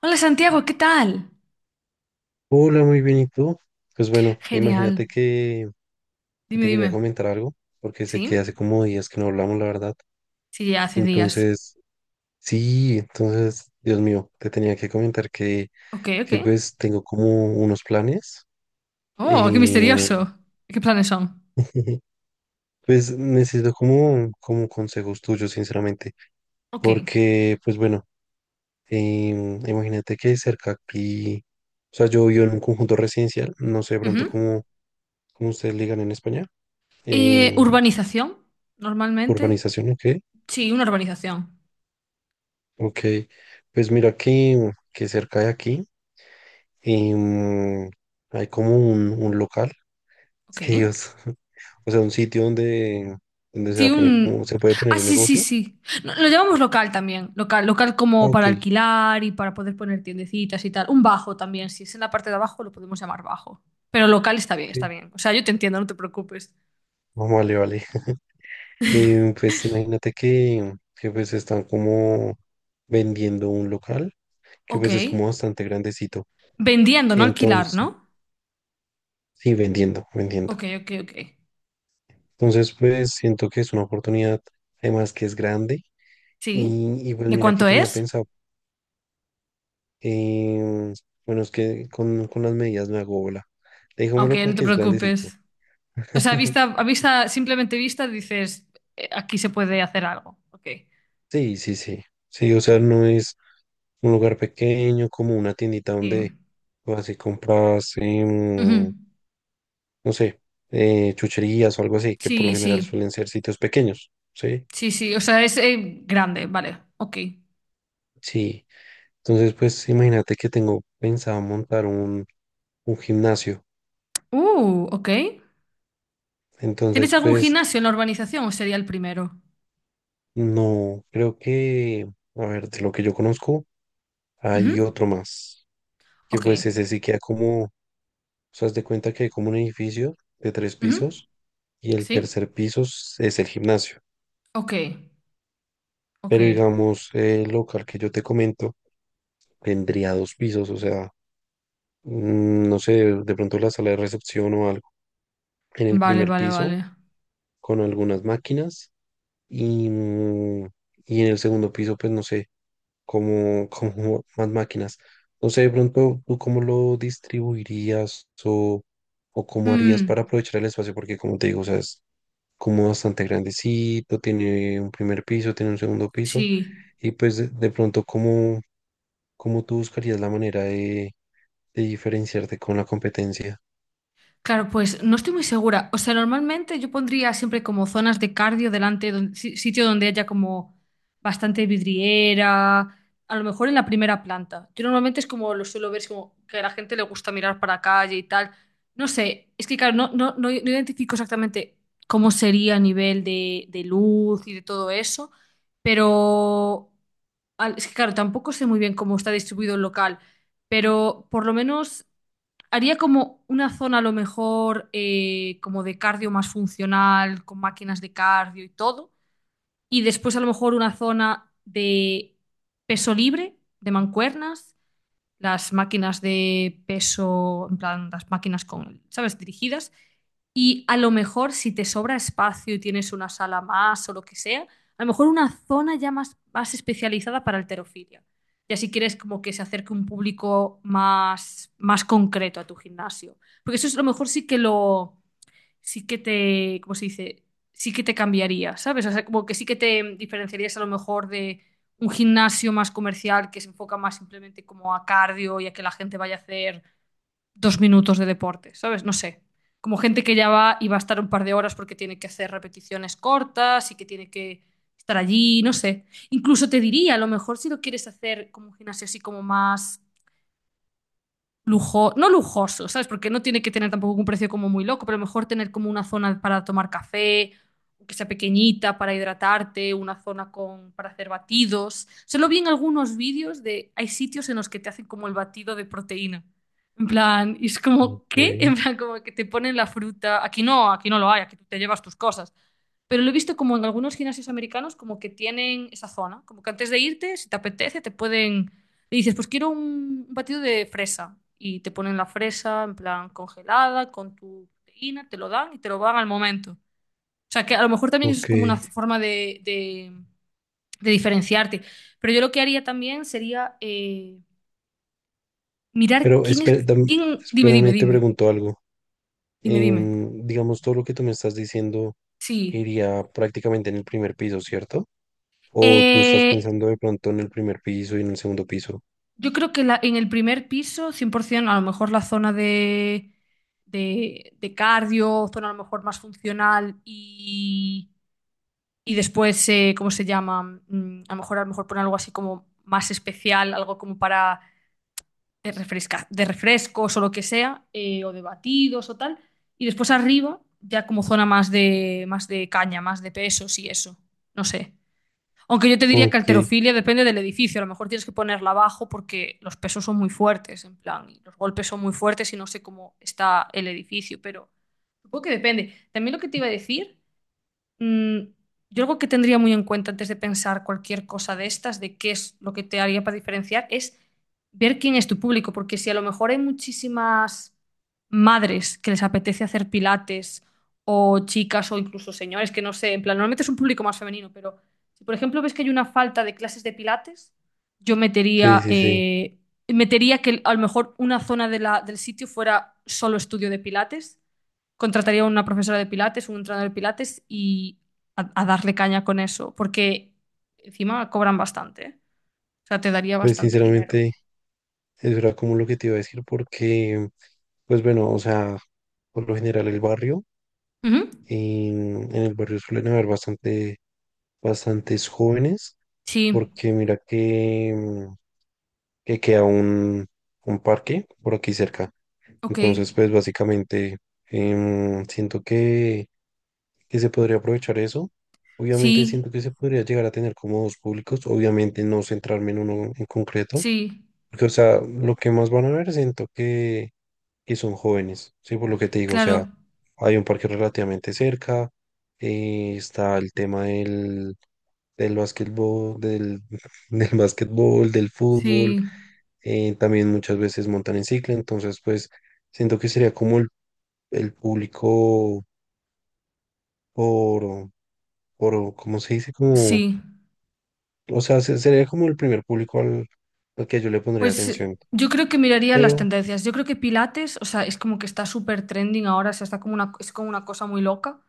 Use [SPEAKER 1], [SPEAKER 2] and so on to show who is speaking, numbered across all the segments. [SPEAKER 1] Hola Santiago, ¿qué tal?
[SPEAKER 2] Hola, muy bien, ¿y tú? Pues bueno,
[SPEAKER 1] Genial.
[SPEAKER 2] imagínate que
[SPEAKER 1] Dime,
[SPEAKER 2] te quería
[SPEAKER 1] dime.
[SPEAKER 2] comentar algo, porque sé que
[SPEAKER 1] ¿Sí?
[SPEAKER 2] hace como días que no hablamos, la verdad.
[SPEAKER 1] Sí, ya hace días.
[SPEAKER 2] Entonces, sí, entonces, Dios mío, te tenía que comentar que,
[SPEAKER 1] Ok,
[SPEAKER 2] que
[SPEAKER 1] ok.
[SPEAKER 2] pues tengo como unos planes
[SPEAKER 1] Oh, qué
[SPEAKER 2] y
[SPEAKER 1] misterioso. ¿Qué planes son?
[SPEAKER 2] pues necesito como consejos tuyos, sinceramente,
[SPEAKER 1] Ok.
[SPEAKER 2] porque pues bueno, imagínate que cerca aquí, o sea, yo vivo en un conjunto residencial, no sé de
[SPEAKER 1] Ujú.
[SPEAKER 2] pronto cómo ustedes ligan en España. em,
[SPEAKER 1] Urbanización, normalmente.
[SPEAKER 2] Urbanización, ok,
[SPEAKER 1] Sí, una urbanización.
[SPEAKER 2] ok. Pues mira que cerca de aquí em, hay como un local, es
[SPEAKER 1] Ok.
[SPEAKER 2] que Dios, o sea, un sitio donde, donde se va
[SPEAKER 1] Sí,
[SPEAKER 2] a poner como,
[SPEAKER 1] un...
[SPEAKER 2] se puede poner
[SPEAKER 1] Ah,
[SPEAKER 2] un
[SPEAKER 1] sí, sí,
[SPEAKER 2] negocio.
[SPEAKER 1] sí. No, lo llamamos local también. Local, local
[SPEAKER 2] Ah,
[SPEAKER 1] como para
[SPEAKER 2] ok,
[SPEAKER 1] alquilar y para poder poner tiendecitas y tal. Un bajo también. Si es en la parte de abajo, lo podemos llamar bajo. Pero local está bien, está
[SPEAKER 2] ok.
[SPEAKER 1] bien. O sea, yo te entiendo, no te preocupes.
[SPEAKER 2] Ah, vale, vale. Pues imagínate que pues están como vendiendo un local que
[SPEAKER 1] Ok.
[SPEAKER 2] pues es como bastante grandecito.
[SPEAKER 1] Vendiendo, no alquilar, ¿no?
[SPEAKER 2] Entonces, sí, vendiendo, vendiendo.
[SPEAKER 1] Ok, ok, ok.
[SPEAKER 2] Entonces, pues siento que es una oportunidad, además que es grande.
[SPEAKER 1] Sí.
[SPEAKER 2] Y pues
[SPEAKER 1] ¿De
[SPEAKER 2] mira que
[SPEAKER 1] cuánto
[SPEAKER 2] tenía
[SPEAKER 1] es?
[SPEAKER 2] pensado, em, bueno, es que con las medidas me hago bola.
[SPEAKER 1] Ah, ok,
[SPEAKER 2] Dejémoslo
[SPEAKER 1] no
[SPEAKER 2] con
[SPEAKER 1] te
[SPEAKER 2] que es grandecito.
[SPEAKER 1] preocupes. O sea, a vista, simplemente vista, dices, Aquí se puede hacer algo." Ok.
[SPEAKER 2] Sí, sí, sí. Sí, o sea,
[SPEAKER 1] Guay, guay.
[SPEAKER 2] no es un lugar pequeño como una tiendita donde
[SPEAKER 1] Sí.
[SPEAKER 2] vas y compras,
[SPEAKER 1] Ujú.
[SPEAKER 2] no sé, chucherías o algo así, que por lo
[SPEAKER 1] Sí,
[SPEAKER 2] general
[SPEAKER 1] sí.
[SPEAKER 2] suelen ser sitios pequeños, ¿sí?
[SPEAKER 1] Sí, sí. O sea, es grande, vale. Ok.
[SPEAKER 2] Sí. Entonces, pues imagínate que tengo pensado montar un gimnasio.
[SPEAKER 1] Ok. ¿Tienes
[SPEAKER 2] Entonces,
[SPEAKER 1] algún
[SPEAKER 2] pues...
[SPEAKER 1] gimnasio en la urbanización o sería el primero?
[SPEAKER 2] No, creo que, a ver, de lo que yo conozco, hay
[SPEAKER 1] Ujú.
[SPEAKER 2] otro más, que
[SPEAKER 1] Ok.
[SPEAKER 2] pues ese sí queda como, o sea, haz de cuenta que hay como un edificio de tres
[SPEAKER 1] Ujú.
[SPEAKER 2] pisos y el
[SPEAKER 1] Sí.
[SPEAKER 2] tercer piso es el gimnasio.
[SPEAKER 1] Ok. Ok.
[SPEAKER 2] Pero digamos, el local que yo te comento tendría dos pisos, o sea, no sé, de pronto la sala de recepción o algo. En el
[SPEAKER 1] Vale,
[SPEAKER 2] primer
[SPEAKER 1] vale,
[SPEAKER 2] piso,
[SPEAKER 1] vale.
[SPEAKER 2] con algunas máquinas y, mm, y en el segundo piso, pues no sé. Como más máquinas. No sé, de pronto, ¿tú cómo lo distribuirías o cómo harías para
[SPEAKER 1] Mm,
[SPEAKER 2] aprovechar el espacio? Porque como te digo, o sea, es como bastante grandecito, tiene un primer piso, tiene un segundo piso,
[SPEAKER 1] sí.
[SPEAKER 2] y pues de pronto, ¿cómo tú buscarías la manera de diferenciarte con la competencia?
[SPEAKER 1] Claro, pues no estoy muy segura. O sea, normalmente yo pondría siempre como zonas de cardio delante, sitio donde haya como bastante vidriera, a lo mejor en la primera planta. Yo normalmente es como lo suelo ver, es como que a la gente le gusta mirar para calle y tal. No sé, es que claro, no, no, no, no identifico exactamente cómo sería a nivel de luz y de todo eso, pero es que claro, tampoco sé muy bien cómo está distribuido el local, pero por lo menos. Haría como una zona a lo mejor como de cardio más funcional, con máquinas de cardio y todo. Y después a lo mejor una zona de peso libre, de mancuernas, las máquinas de peso, en plan, las máquinas con, ¿sabes? Dirigidas. Y a lo mejor si te sobra espacio y tienes una sala más o lo que sea, a lo mejor una zona ya más, más especializada para alterofilia. Y así quieres como que se acerque un público más, más concreto a tu gimnasio. Porque eso es lo mejor sí que lo, sí que te, ¿cómo se dice? Sí que te cambiaría, ¿sabes? O sea, como que sí que te diferenciarías a lo mejor de un gimnasio más comercial que se enfoca más simplemente como a cardio y a que la gente vaya a hacer 2 minutos de deporte, ¿sabes? No sé. Como gente que ya va y va a estar un par de horas porque tiene que hacer repeticiones cortas y que tiene que estar allí, no sé. Incluso te diría, a lo mejor si lo quieres hacer como un gimnasio así como más lujo, no lujoso, ¿sabes? Porque no tiene que tener tampoco un precio como muy loco, pero mejor tener como una zona para tomar café, que sea pequeñita para hidratarte, una zona con, para hacer batidos. Solo vi en algunos vídeos de, hay sitios en los que te hacen como el batido de proteína. En plan, y es como, ¿qué? En
[SPEAKER 2] Ok,
[SPEAKER 1] plan, como que te ponen la fruta. Aquí no lo hay, aquí tú te llevas tus cosas. Pero lo he visto como en algunos gimnasios americanos, como que tienen esa zona, como que antes de irte, si te apetece, te pueden, le dices, pues quiero un batido de fresa y te ponen la fresa en plan congelada, con tu proteína, te lo dan y te lo van al momento. O sea, que a lo mejor también eso es
[SPEAKER 2] ok.
[SPEAKER 1] como una forma de diferenciarte. Pero yo lo que haría también sería mirar
[SPEAKER 2] Pero
[SPEAKER 1] quién es,
[SPEAKER 2] espera,
[SPEAKER 1] quién, dime, dime,
[SPEAKER 2] espérame, te
[SPEAKER 1] dime,
[SPEAKER 2] pregunto algo.
[SPEAKER 1] dime, dime.
[SPEAKER 2] Digamos, todo lo que tú me estás diciendo
[SPEAKER 1] Sí.
[SPEAKER 2] iría prácticamente en el primer piso, ¿cierto? O tú estás
[SPEAKER 1] Eh,
[SPEAKER 2] pensando de pronto en el primer piso y en el segundo piso.
[SPEAKER 1] Yo creo que en el primer piso, 100%, a lo mejor la zona de cardio, zona a lo mejor más funcional y después, ¿cómo se llama? A lo mejor, a lo mejor poner algo así como más especial, algo como para de refrescos o lo que sea, o de batidos o tal. Y después arriba, ya como zona más de caña, más de pesos y eso. No sé. Aunque yo te diría
[SPEAKER 2] Ok,
[SPEAKER 1] que
[SPEAKER 2] sí,
[SPEAKER 1] alterofilia depende del edificio. A lo mejor tienes que ponerla abajo porque los pesos son muy fuertes, en plan, y los golpes son muy fuertes y no sé cómo está el edificio, pero supongo que depende. También lo que te iba a decir. Mm, yo algo que tendría muy en cuenta antes de pensar cualquier cosa de estas, de qué es lo que te haría para diferenciar, es ver quién es tu público, porque si a lo mejor hay muchísimas madres que les apetece hacer pilates, o chicas, o incluso señores, que no sé, en plan, normalmente es un público más femenino, pero si por ejemplo ves que hay una falta de clases de pilates, yo metería,
[SPEAKER 2] sí, sí.
[SPEAKER 1] eh, metería que a lo mejor una zona del sitio fuera solo estudio de pilates contrataría a una profesora de pilates, un entrenador de pilates y a darle caña con eso, porque encima cobran bastante, ¿eh? O sea, te daría
[SPEAKER 2] Pues
[SPEAKER 1] bastante dinero.
[SPEAKER 2] sinceramente, eso era como lo que te iba a decir porque, pues bueno, o sea, por lo general el barrio,
[SPEAKER 1] Ujú.
[SPEAKER 2] en el barrio suelen haber bastantes jóvenes
[SPEAKER 1] Sí,
[SPEAKER 2] porque mira que queda un parque por aquí cerca.
[SPEAKER 1] ok.
[SPEAKER 2] Entonces, pues básicamente, siento que se podría aprovechar eso. Obviamente
[SPEAKER 1] Sí,
[SPEAKER 2] siento que se podría llegar a tener como dos públicos, obviamente no centrarme en uno en concreto,
[SPEAKER 1] sí,
[SPEAKER 2] porque o sea, lo que más van a ver siento que son jóvenes, ¿sí? Por lo que te digo, o sea,
[SPEAKER 1] claro.
[SPEAKER 2] hay un parque relativamente cerca, está el tema del básquetbol, del básquetbol, del fútbol,
[SPEAKER 1] Sí,
[SPEAKER 2] también muchas veces montan en cicla, entonces pues siento que sería como el público por, por, ¿cómo se dice? Como,
[SPEAKER 1] sí.
[SPEAKER 2] o sea, sería como el primer público al que yo le pondría
[SPEAKER 1] Pues
[SPEAKER 2] atención.
[SPEAKER 1] yo creo que miraría las
[SPEAKER 2] Pero,
[SPEAKER 1] tendencias. Yo creo que Pilates, o sea, es como que está súper trending ahora, o sea, está es como una cosa muy loca.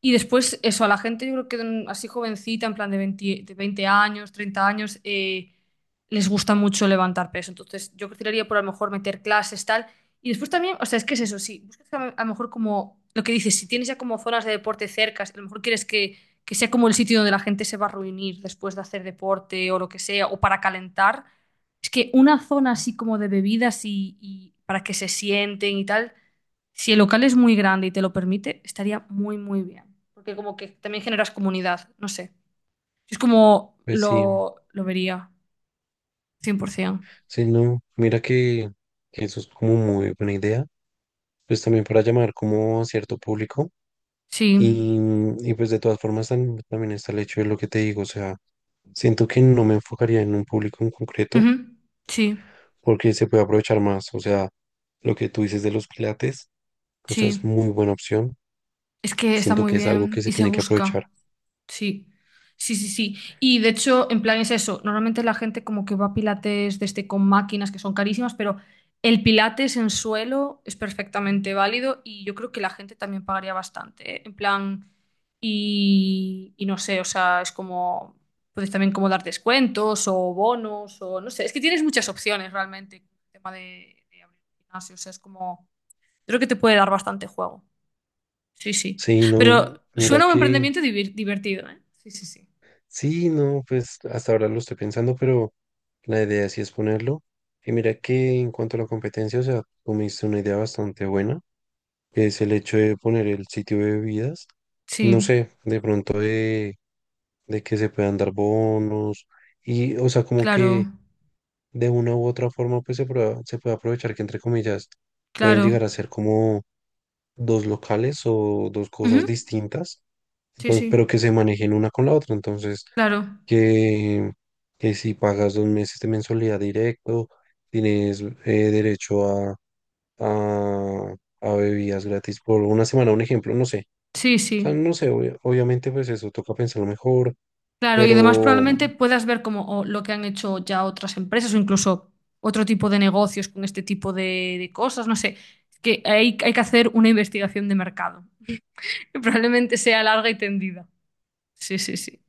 [SPEAKER 1] Y después, eso, a la gente, yo creo que así jovencita, en plan de 20 años, 30 años, les gusta mucho levantar peso. Entonces, yo creo tiraría por a lo mejor meter clases, tal. Y después también, o sea, es que es eso, sí, buscas a lo mejor como lo que dices, si tienes ya como zonas de deporte cercas, a lo mejor quieres que sea como el sitio donde la gente se va a reunir después de hacer deporte o lo que sea, o para calentar. Es que una zona así como de bebidas y para que se sienten y tal, si el local es muy grande y te lo permite, estaría muy, muy bien. Porque como que también generas comunidad, no sé. Si es como
[SPEAKER 2] pues sí,
[SPEAKER 1] lo vería, 100%.
[SPEAKER 2] sí, no, mira que eso es como muy buena idea. Pues también para llamar como a cierto público.
[SPEAKER 1] Sí.
[SPEAKER 2] Y, y pues de todas formas también está el hecho de lo que te digo. O sea, siento que no me enfocaría en un público en concreto
[SPEAKER 1] Ujú. Sí,
[SPEAKER 2] porque se puede aprovechar más. O sea, lo que tú dices de los pilates, o sea,
[SPEAKER 1] sí.
[SPEAKER 2] es muy buena opción.
[SPEAKER 1] Es que está
[SPEAKER 2] Siento
[SPEAKER 1] muy
[SPEAKER 2] que es algo
[SPEAKER 1] bien
[SPEAKER 2] que se
[SPEAKER 1] y se
[SPEAKER 2] tiene que aprovechar.
[SPEAKER 1] busca. Sí, sí, sí, sí. Y de hecho, en plan es eso. Normalmente la gente como que va a pilates desde con máquinas que son carísimas, pero el pilates en suelo es perfectamente válido y yo creo que la gente también pagaría bastante, ¿eh? En plan, y no sé, o sea, es como, puedes también como dar descuentos o bonos o no sé, es que tienes muchas opciones realmente con el tema de abrir un gimnasio, o sea, es como, creo que te puede dar bastante juego. Sí, sí.
[SPEAKER 2] Sí, no,
[SPEAKER 1] Pero
[SPEAKER 2] mira
[SPEAKER 1] suena un
[SPEAKER 2] que,
[SPEAKER 1] emprendimiento divertido, ¿eh? Sí, sí, sí.
[SPEAKER 2] sí, no, pues hasta ahora lo estoy pensando, pero la idea sí es ponerlo. Y mira que en cuanto a la competencia, o sea, tú me diste una idea bastante buena, que es el hecho de poner el sitio de bebidas, y no
[SPEAKER 1] Sí,
[SPEAKER 2] sé, de pronto de que se puedan dar bonos, y o sea, como
[SPEAKER 1] claro,
[SPEAKER 2] que de una u otra forma, pues se puede aprovechar que entre comillas pueden
[SPEAKER 1] claro.
[SPEAKER 2] llegar a ser como dos locales o dos
[SPEAKER 1] Ujú.
[SPEAKER 2] cosas distintas,
[SPEAKER 1] Sí,
[SPEAKER 2] entonces, pero
[SPEAKER 1] sí,
[SPEAKER 2] que se manejen una con la otra. Entonces,
[SPEAKER 1] claro.
[SPEAKER 2] que, que si pagas 2 meses de mensualidad directo, tienes derecho a, a bebidas gratis por una semana, un ejemplo, no sé.
[SPEAKER 1] Sí,
[SPEAKER 2] O sea,
[SPEAKER 1] sí,
[SPEAKER 2] no sé, obviamente pues eso toca pensarlo mejor,
[SPEAKER 1] claro. Y además
[SPEAKER 2] pero,
[SPEAKER 1] probablemente puedas ver como o lo que han hecho ya otras empresas o incluso otro tipo de negocios con este tipo de cosas, no sé. Es que hay que hacer una investigación de mercado, que probablemente sea larga y tendida. Sí, sí, sí.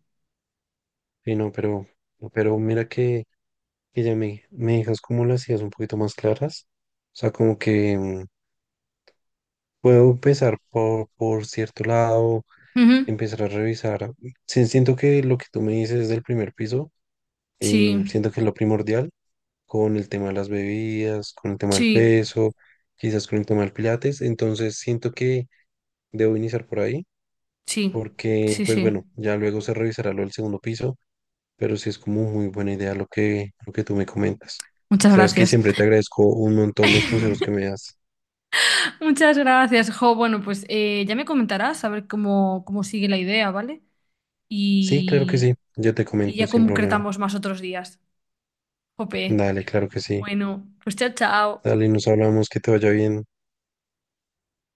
[SPEAKER 2] sí, no, pero mira que ya me dejas como las ideas un poquito más claras. O sea, como que... Puedo empezar por cierto lado,
[SPEAKER 1] Ujú.
[SPEAKER 2] empezar a revisar. Sí, siento que lo que tú me dices del primer piso,
[SPEAKER 1] Sí,
[SPEAKER 2] siento que es lo primordial con el tema de las bebidas, con el tema del
[SPEAKER 1] sí,
[SPEAKER 2] peso, quizás con el tema del pilates. Entonces siento que debo iniciar por ahí,
[SPEAKER 1] sí,
[SPEAKER 2] porque
[SPEAKER 1] sí,
[SPEAKER 2] pues
[SPEAKER 1] sí.
[SPEAKER 2] bueno, ya luego se revisará lo del segundo piso, pero sí es como muy buena idea lo que, tú me comentas.
[SPEAKER 1] Muchas
[SPEAKER 2] Sabes que
[SPEAKER 1] gracias.
[SPEAKER 2] siempre te agradezco un montón los consejos que me das.
[SPEAKER 1] Muchas gracias, Jo. Bueno, pues ya me comentarás a ver cómo sigue la idea, ¿vale?
[SPEAKER 2] Sí, claro que
[SPEAKER 1] Y,
[SPEAKER 2] sí, yo te
[SPEAKER 1] y
[SPEAKER 2] comento
[SPEAKER 1] ya
[SPEAKER 2] sin problema.
[SPEAKER 1] concretamos más otros días. Jope.
[SPEAKER 2] Dale, claro que sí.
[SPEAKER 1] Bueno, pues chao, chao.
[SPEAKER 2] Dale, nos hablamos, que te vaya bien.